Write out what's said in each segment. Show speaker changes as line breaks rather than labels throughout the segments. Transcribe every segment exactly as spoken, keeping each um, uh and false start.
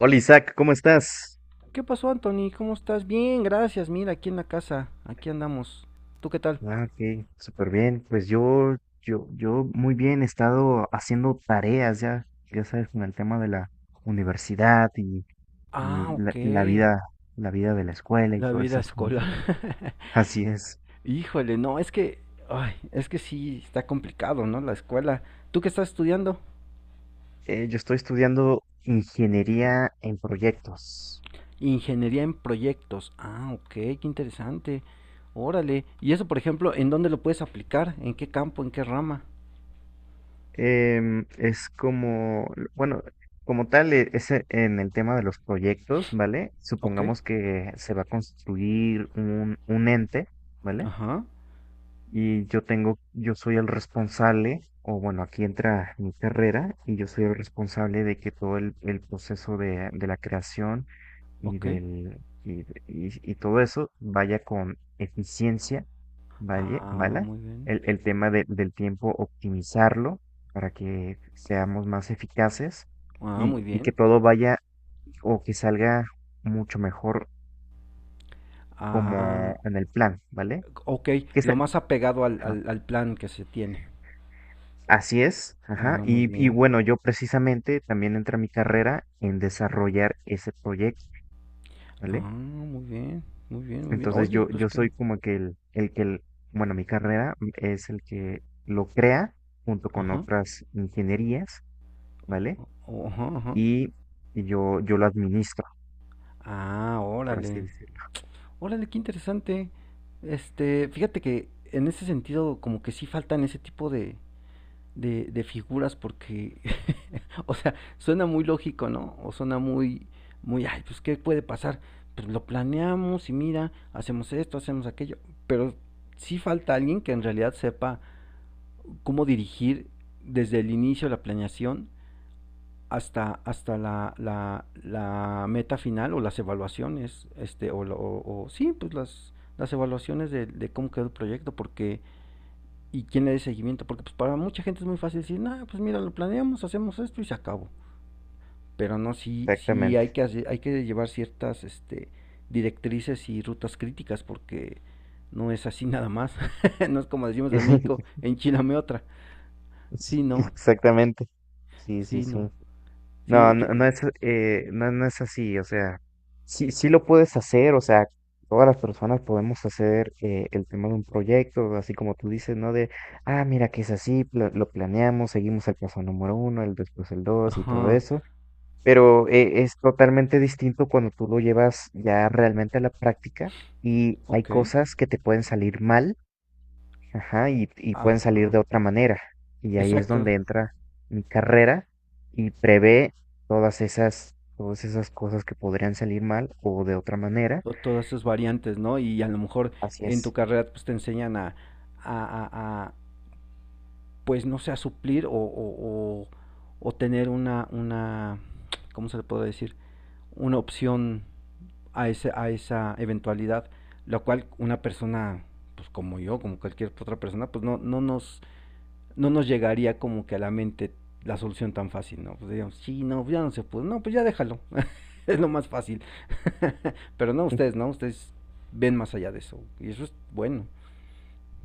Hola Isaac, ¿cómo estás?
¿Qué pasó, Anthony? ¿Cómo estás? Bien, gracias. Mira, aquí en la casa. Aquí andamos. ¿Tú qué tal?
Ah, ok, súper bien. Pues yo, yo, yo muy bien, he estado haciendo tareas ya, ya sabes, con el tema de la universidad y, y
Ah,
la,
ok.
la vida, la vida de la escuela y
La
todo
vida
ese asunto.
escolar.
Así es.
Híjole, no, es que, ay, es que sí está complicado, ¿no? La escuela. ¿Tú qué estás estudiando?
Eh, yo estoy estudiando ingeniería en proyectos.
Ingeniería en proyectos. Ah, ok, qué interesante. Órale. ¿Y eso, por ejemplo, en dónde lo puedes aplicar? ¿En qué campo? ¿En qué rama?
Em, es como, bueno, como tal, e- es e- en el tema de los proyectos, ¿vale?
Ok.
Supongamos que se va a construir un, un ente, ¿vale?
Ajá.
Y yo tengo, yo soy el responsable, o bueno, aquí entra mi carrera y yo soy el responsable de que todo el, el proceso de, de la creación y
Ok.
del y, de- y- y todo eso vaya con eficiencia, vaya,
Ah,
¿vale?
muy bien.
El, el tema de- del tiempo, optimizarlo para que seamos más eficaces
Ah,
y,
muy
y que
bien.
todo vaya o que salga mucho mejor
Ah,
como en el plan, ¿vale?
ok,
Que
lo
sa-
más apegado al,
ajá.
al, al plan que se tiene.
Así es, ajá.
Ah, muy
Y, y
bien.
bueno, yo precisamente también entré a mi carrera en desarrollar ese proyecto,
Ah,
¿vale?
muy bien. Muy bien, muy bien.
Entonces
Oye,
yo,
pues
yo
qué.
soy como que el, el que, el- bueno, mi carrera es el que lo crea junto con
Ajá.
otras ingenierías,
o-
¿vale?
o- Ajá, ajá.
Y, y yo, yo lo administro,
Ah,
por así
órale.
decirlo.
Órale, qué interesante. Este, fíjate que en ese sentido como que sí faltan ese tipo de, de, de figuras porque, o sea, suena muy lógico, ¿no? O suena muy, muy, ay, pues, ¿qué puede pasar? Pues lo planeamos y mira, hacemos esto, hacemos aquello, pero sí falta alguien que en realidad sepa cómo dirigir desde el inicio de la planeación hasta, hasta la, la, la meta final o las evaluaciones, este, o, o, o sí, pues las, las evaluaciones de, de, cómo quedó el proyecto, porque y quién le dé seguimiento, porque pues para mucha gente es muy fácil decir, no, nah, pues mira, lo planeamos, hacemos esto y se acabó. Pero no, sí, sí
Exactamente.
hay que hacer- hay que llevar ciertas este, directrices y rutas críticas, porque no es así nada más. No es como decimos en México, enchilame otra. Sí, no,
Exactamente. Sí, sí,
sí,
sí.
no.
No,
Sí, que-
no, no es, eh, no, no es así, o sea, sí, sí lo puedes hacer, o sea, todas las personas podemos hacer eh, el tema de un proyecto, así como tú dices, ¿no? De, ah, mira que es así, pla- lo planeamos, seguimos el paso número uno, el después el dos y todo
ajá,
eso, pero eh, es totalmente distinto cuando tú lo llevas ya realmente a la práctica y hay
ok,
cosas que te pueden salir mal. Ajá, y, y pueden salir
ajá,
de otra manera. Y ahí es
exacto.
donde entra mi carrera y prevé todas esas, todas esas cosas que podrían salir mal o de otra manera.
O todas esas variantes, ¿no? Y a lo mejor
Así
en tu
es.
carrera pues te enseñan a, a, pues no sea suplir o, o, o, o tener una, una, ¿cómo se le puede decir? Una opción a, ese, a esa eventualidad, la cual una persona, pues como yo, como cualquier otra persona, pues no, no, nos, no nos llegaría como que a la mente la solución tan fácil, ¿no? Pues digamos, sí, no, ya no se puede, no, pues ya déjalo, es lo más fácil. Pero no, ustedes, ¿no? Ustedes ven más allá de eso, y eso es bueno.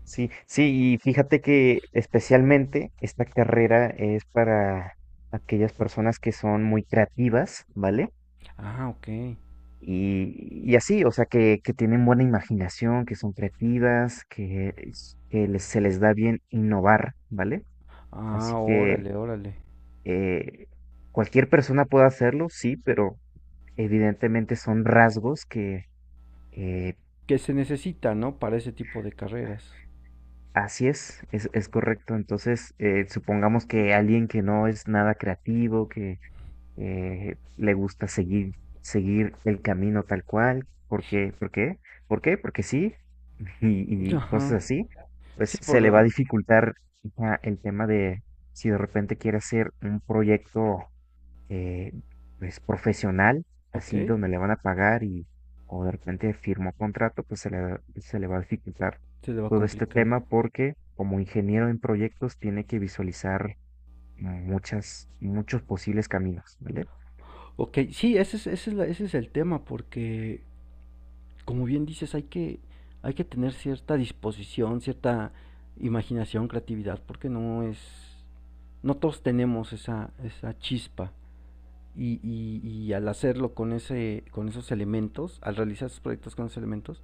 Sí, sí, y fíjate que especialmente esta carrera es para aquellas personas que son muy creativas, ¿vale?
Ah, ok.
Y, y así, o sea, que, que tienen buena imaginación, que son creativas, que, es- que les- se les da bien innovar, ¿vale?
Ah,
Así que
órale, órale.
Eh, cualquier persona puede hacerlo, sí, pero evidentemente son rasgos que eh,
Que se necesita, ¿no? Para ese tipo de carreras.
así es, es, es correcto. Entonces, eh, supongamos que alguien que no es nada creativo, que eh, le gusta seguir, seguir el camino tal cual, porque, ¿por qué? ¿Por qué? Porque sí, y, y cosas
Ajá.
así, pues
Sí,
se
por
le va a
la...
dificultar ya el tema de si de repente quiere hacer un proyecto eh, pues profesional,
Ok,
así donde le van a pagar y o de repente firmó contrato, pues se le, se le va a dificultar
se le va a
todo este
complicar.
tema porque como ingeniero en proyectos tiene que visualizar muchas, muchos posibles caminos, ¿vale?
Ok, sí, ese es, ese es, la- ese es el tema, porque como bien dices, hay que, hay que tener cierta disposición, cierta imaginación, creatividad, porque no es... No todos tenemos esa, esa chispa. Y, y- y al hacerlo con, ese, con esos elementos, al realizar esos proyectos con esos elementos,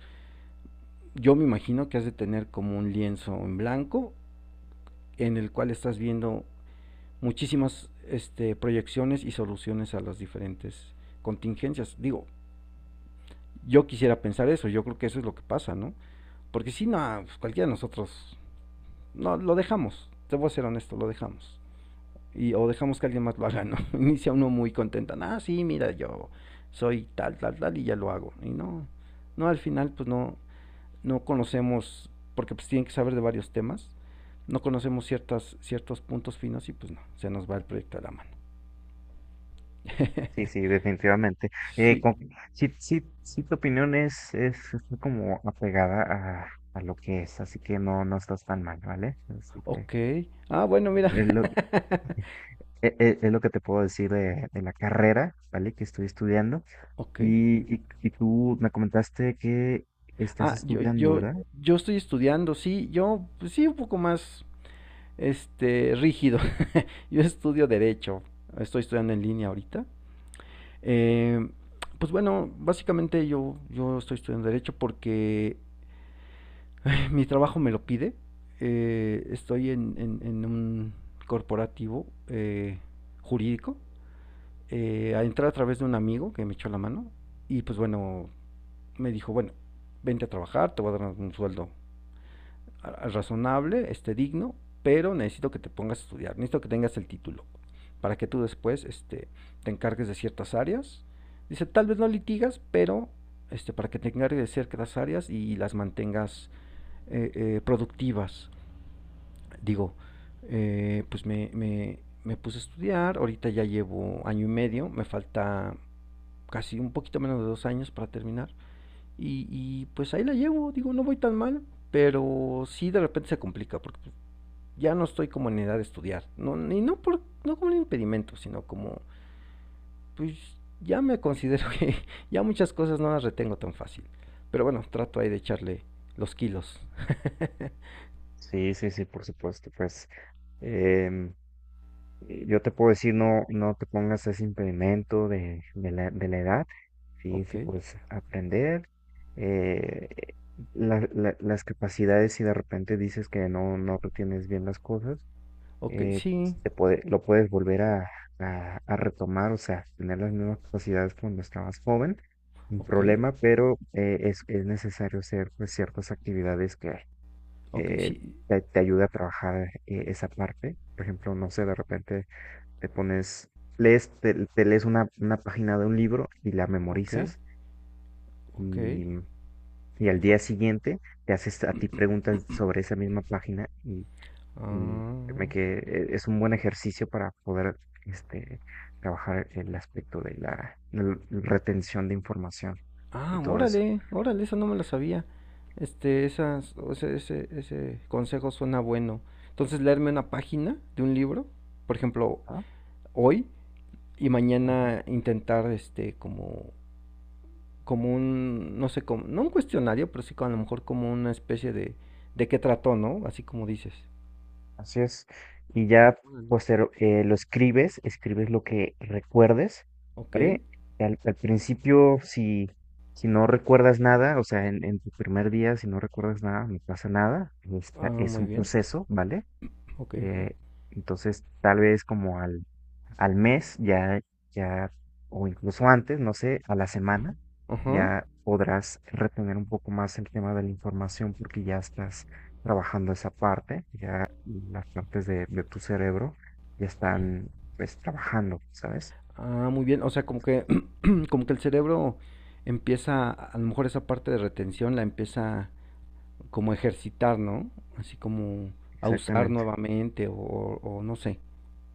yo me imagino que has de tener como un lienzo en blanco en el cual estás viendo muchísimas este, proyecciones y soluciones a las diferentes contingencias. Digo, yo quisiera pensar eso, yo creo que eso es lo que pasa, ¿no? Porque si no, pues cualquiera de nosotros, no, lo dejamos, te voy a ser honesto, lo dejamos. Y, o dejamos que alguien más lo haga, ¿no? Inicia uno muy contenta, ah, sí, mira, yo soy tal, tal, tal, y ya lo hago. Y no, no, al final, pues no, no conocemos, porque pues tienen que saber de varios temas, no conocemos ciertas, ciertos puntos finos y pues no, se nos va el proyecto a la mano.
Sí, sí, definitivamente. Eh,
Sí,
con- sí, sí, sí, tu opinión es, es, es como apegada a, a lo que es, así que no, no estás tan mal, ¿vale? Así que,
ok. Ah, bueno, mira.
eh, lo- e- e- Es lo que te puedo decir de, de la carrera, ¿vale? Que estoy estudiando.
Ok.
Y, y, y tú me comentaste que estás
Ah, yo,
estudiando,
yo,
¿verdad?
yo estoy estudiando, sí, yo, pues sí, un poco más, este, rígido. Yo estudio derecho, estoy estudiando en línea ahorita. Eh, pues bueno, básicamente yo, yo estoy estudiando derecho porque mi trabajo me lo pide. Eh, estoy en, en- en un corporativo eh, jurídico. Eh, entré a través de un amigo que me echó la mano. Y pues bueno, me dijo, bueno, vente a trabajar, te voy a dar un sueldo razonable, este digno, pero necesito que te pongas a estudiar, necesito que tengas el título, para que tú después este, te encargues de ciertas áreas. Dice, tal vez no litigas, pero este, para que te encargues de ciertas áreas y las mantengas eh, eh, productivas. Digo, eh, pues me, me, me puse a estudiar, ahorita ya llevo año y medio, me falta casi un poquito menos de dos años para terminar. Y, y pues ahí la llevo, digo, no voy tan mal, pero sí de repente se complica, porque ya no estoy como en edad de estudiar, no, y no, por, no como un impedimento, sino como, pues ya me considero que ya muchas cosas no las retengo tan fácil, pero bueno, trato ahí de echarle los kilos.
Sí, sí, sí, por supuesto. Pues em, eh, yo te puedo decir, no, no te pongas ese impedimento de, de la, de la edad. Sí,
Ok,
sí, puedes aprender. eh, la- la- las capacidades, si de repente dices que no, no retienes bien las cosas,
ok,
eh,
sí,
se puede, lo puedes volver a, a- a retomar, o sea, tener las mismas capacidades cuando estabas joven, sin
ok,
problema, pero eh, es, es necesario hacer pues, ciertas actividades que
ok,
eh,
sí,
te, te ayude a trabajar eh, esa parte. Por ejemplo, no sé, de repente te pones, lees, te, te lees una, una página de un libro y la
ok,
memorizas
ok.
y, y al día siguiente te haces a ti preguntas sobre esa misma página y y
Ah,
créeme que eh, es un buen ejercicio para poder este, trabajar el aspecto de la, la retención de información y
ah,
todo eso.
órale, órale, eso no me lo sabía. Este, esas, o sea, ese, ese consejo suena bueno. Entonces, leerme una página de un libro, por ejemplo,
Ajá,
hoy y
ajá,
mañana intentar, este, como, como un, no sé, como, no un cuestionario, pero sí como a lo mejor como una especie de, de qué trató, ¿no? Así como dices.
así es. Y ya
Órale.
posterior, eh, lo escribes, escribes lo que recuerdes,
Ok,
¿vale? Al, al principio, si, si no recuerdas nada, o sea, en, en tu primer día, si no recuerdas nada, no pasa nada. es
ah,
Es
muy
un
bien,
proceso, ¿vale?
ok, ok.
Eh, entonces, tal vez como al al mes, ya, ya, o incluso antes, no sé, a la semana,
Ajá,
ya podrás retener un poco más el tema de la información porque ya estás trabajando esa parte, ya las partes de, de tu cerebro ya están pues trabajando, ¿sabes?
ah, muy bien. O sea, como que, como que el cerebro empieza, a lo mejor esa parte de retención la empieza como a ejercitar, ¿no? Así como a usar
Exactamente.
nuevamente o, o no sé.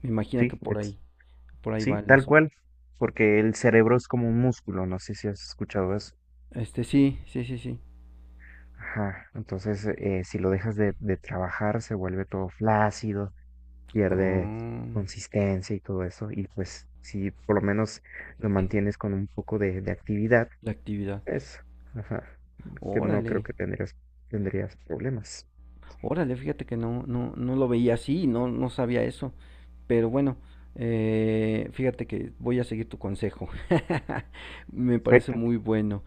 Me imagino que
Sí,
por
ex-
ahí, por ahí
sí,
va el
tal
asunto.
cual, porque el cerebro es como un músculo, no sé si has escuchado eso.
Este, sí, sí, sí, sí.
Ajá, entonces eh, si lo dejas de, de trabajar se vuelve todo flácido, pierde
Ah,
consistencia y todo eso. Y pues si por lo menos lo mantienes con un poco de, de actividad,
la actividad.
pues, ajá, que no
Órale,
creo que tendrías, tendrías problemas.
órale, fíjate que no, no, no lo veía así, no, no sabía eso. Pero bueno, eh, fíjate que voy a seguir tu consejo. Me parece
Perfecto.
muy bueno.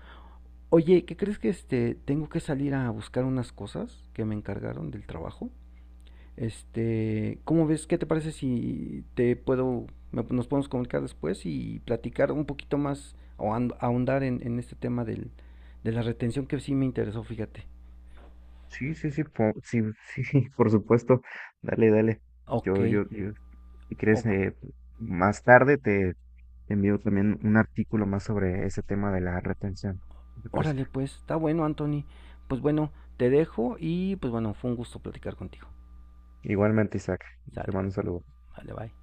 Oye, ¿qué crees que este tengo que salir a buscar unas cosas que me encargaron del trabajo? Este, ¿cómo ves? ¿Qué te parece si te puedo, me- nos podemos comunicar después y platicar un poquito más o ahond- ahondar en, en este tema del, de la retención que sí me interesó, fíjate.
Sí, sí, sí, po- sí, sí, sí, por supuesto. Dale, dale.
Ok,
Yo, yo, yo, si
o-
quieres, eh, más tarde te, te envío también un artículo más sobre ese tema de la retención. ¿Qué te parece?
órale pues, está bueno, Anthony. Pues bueno, te dejo y pues bueno, fue un gusto platicar contigo.
Igualmente, Isaac, te
Sale,
mando un saludo.
vale, bye.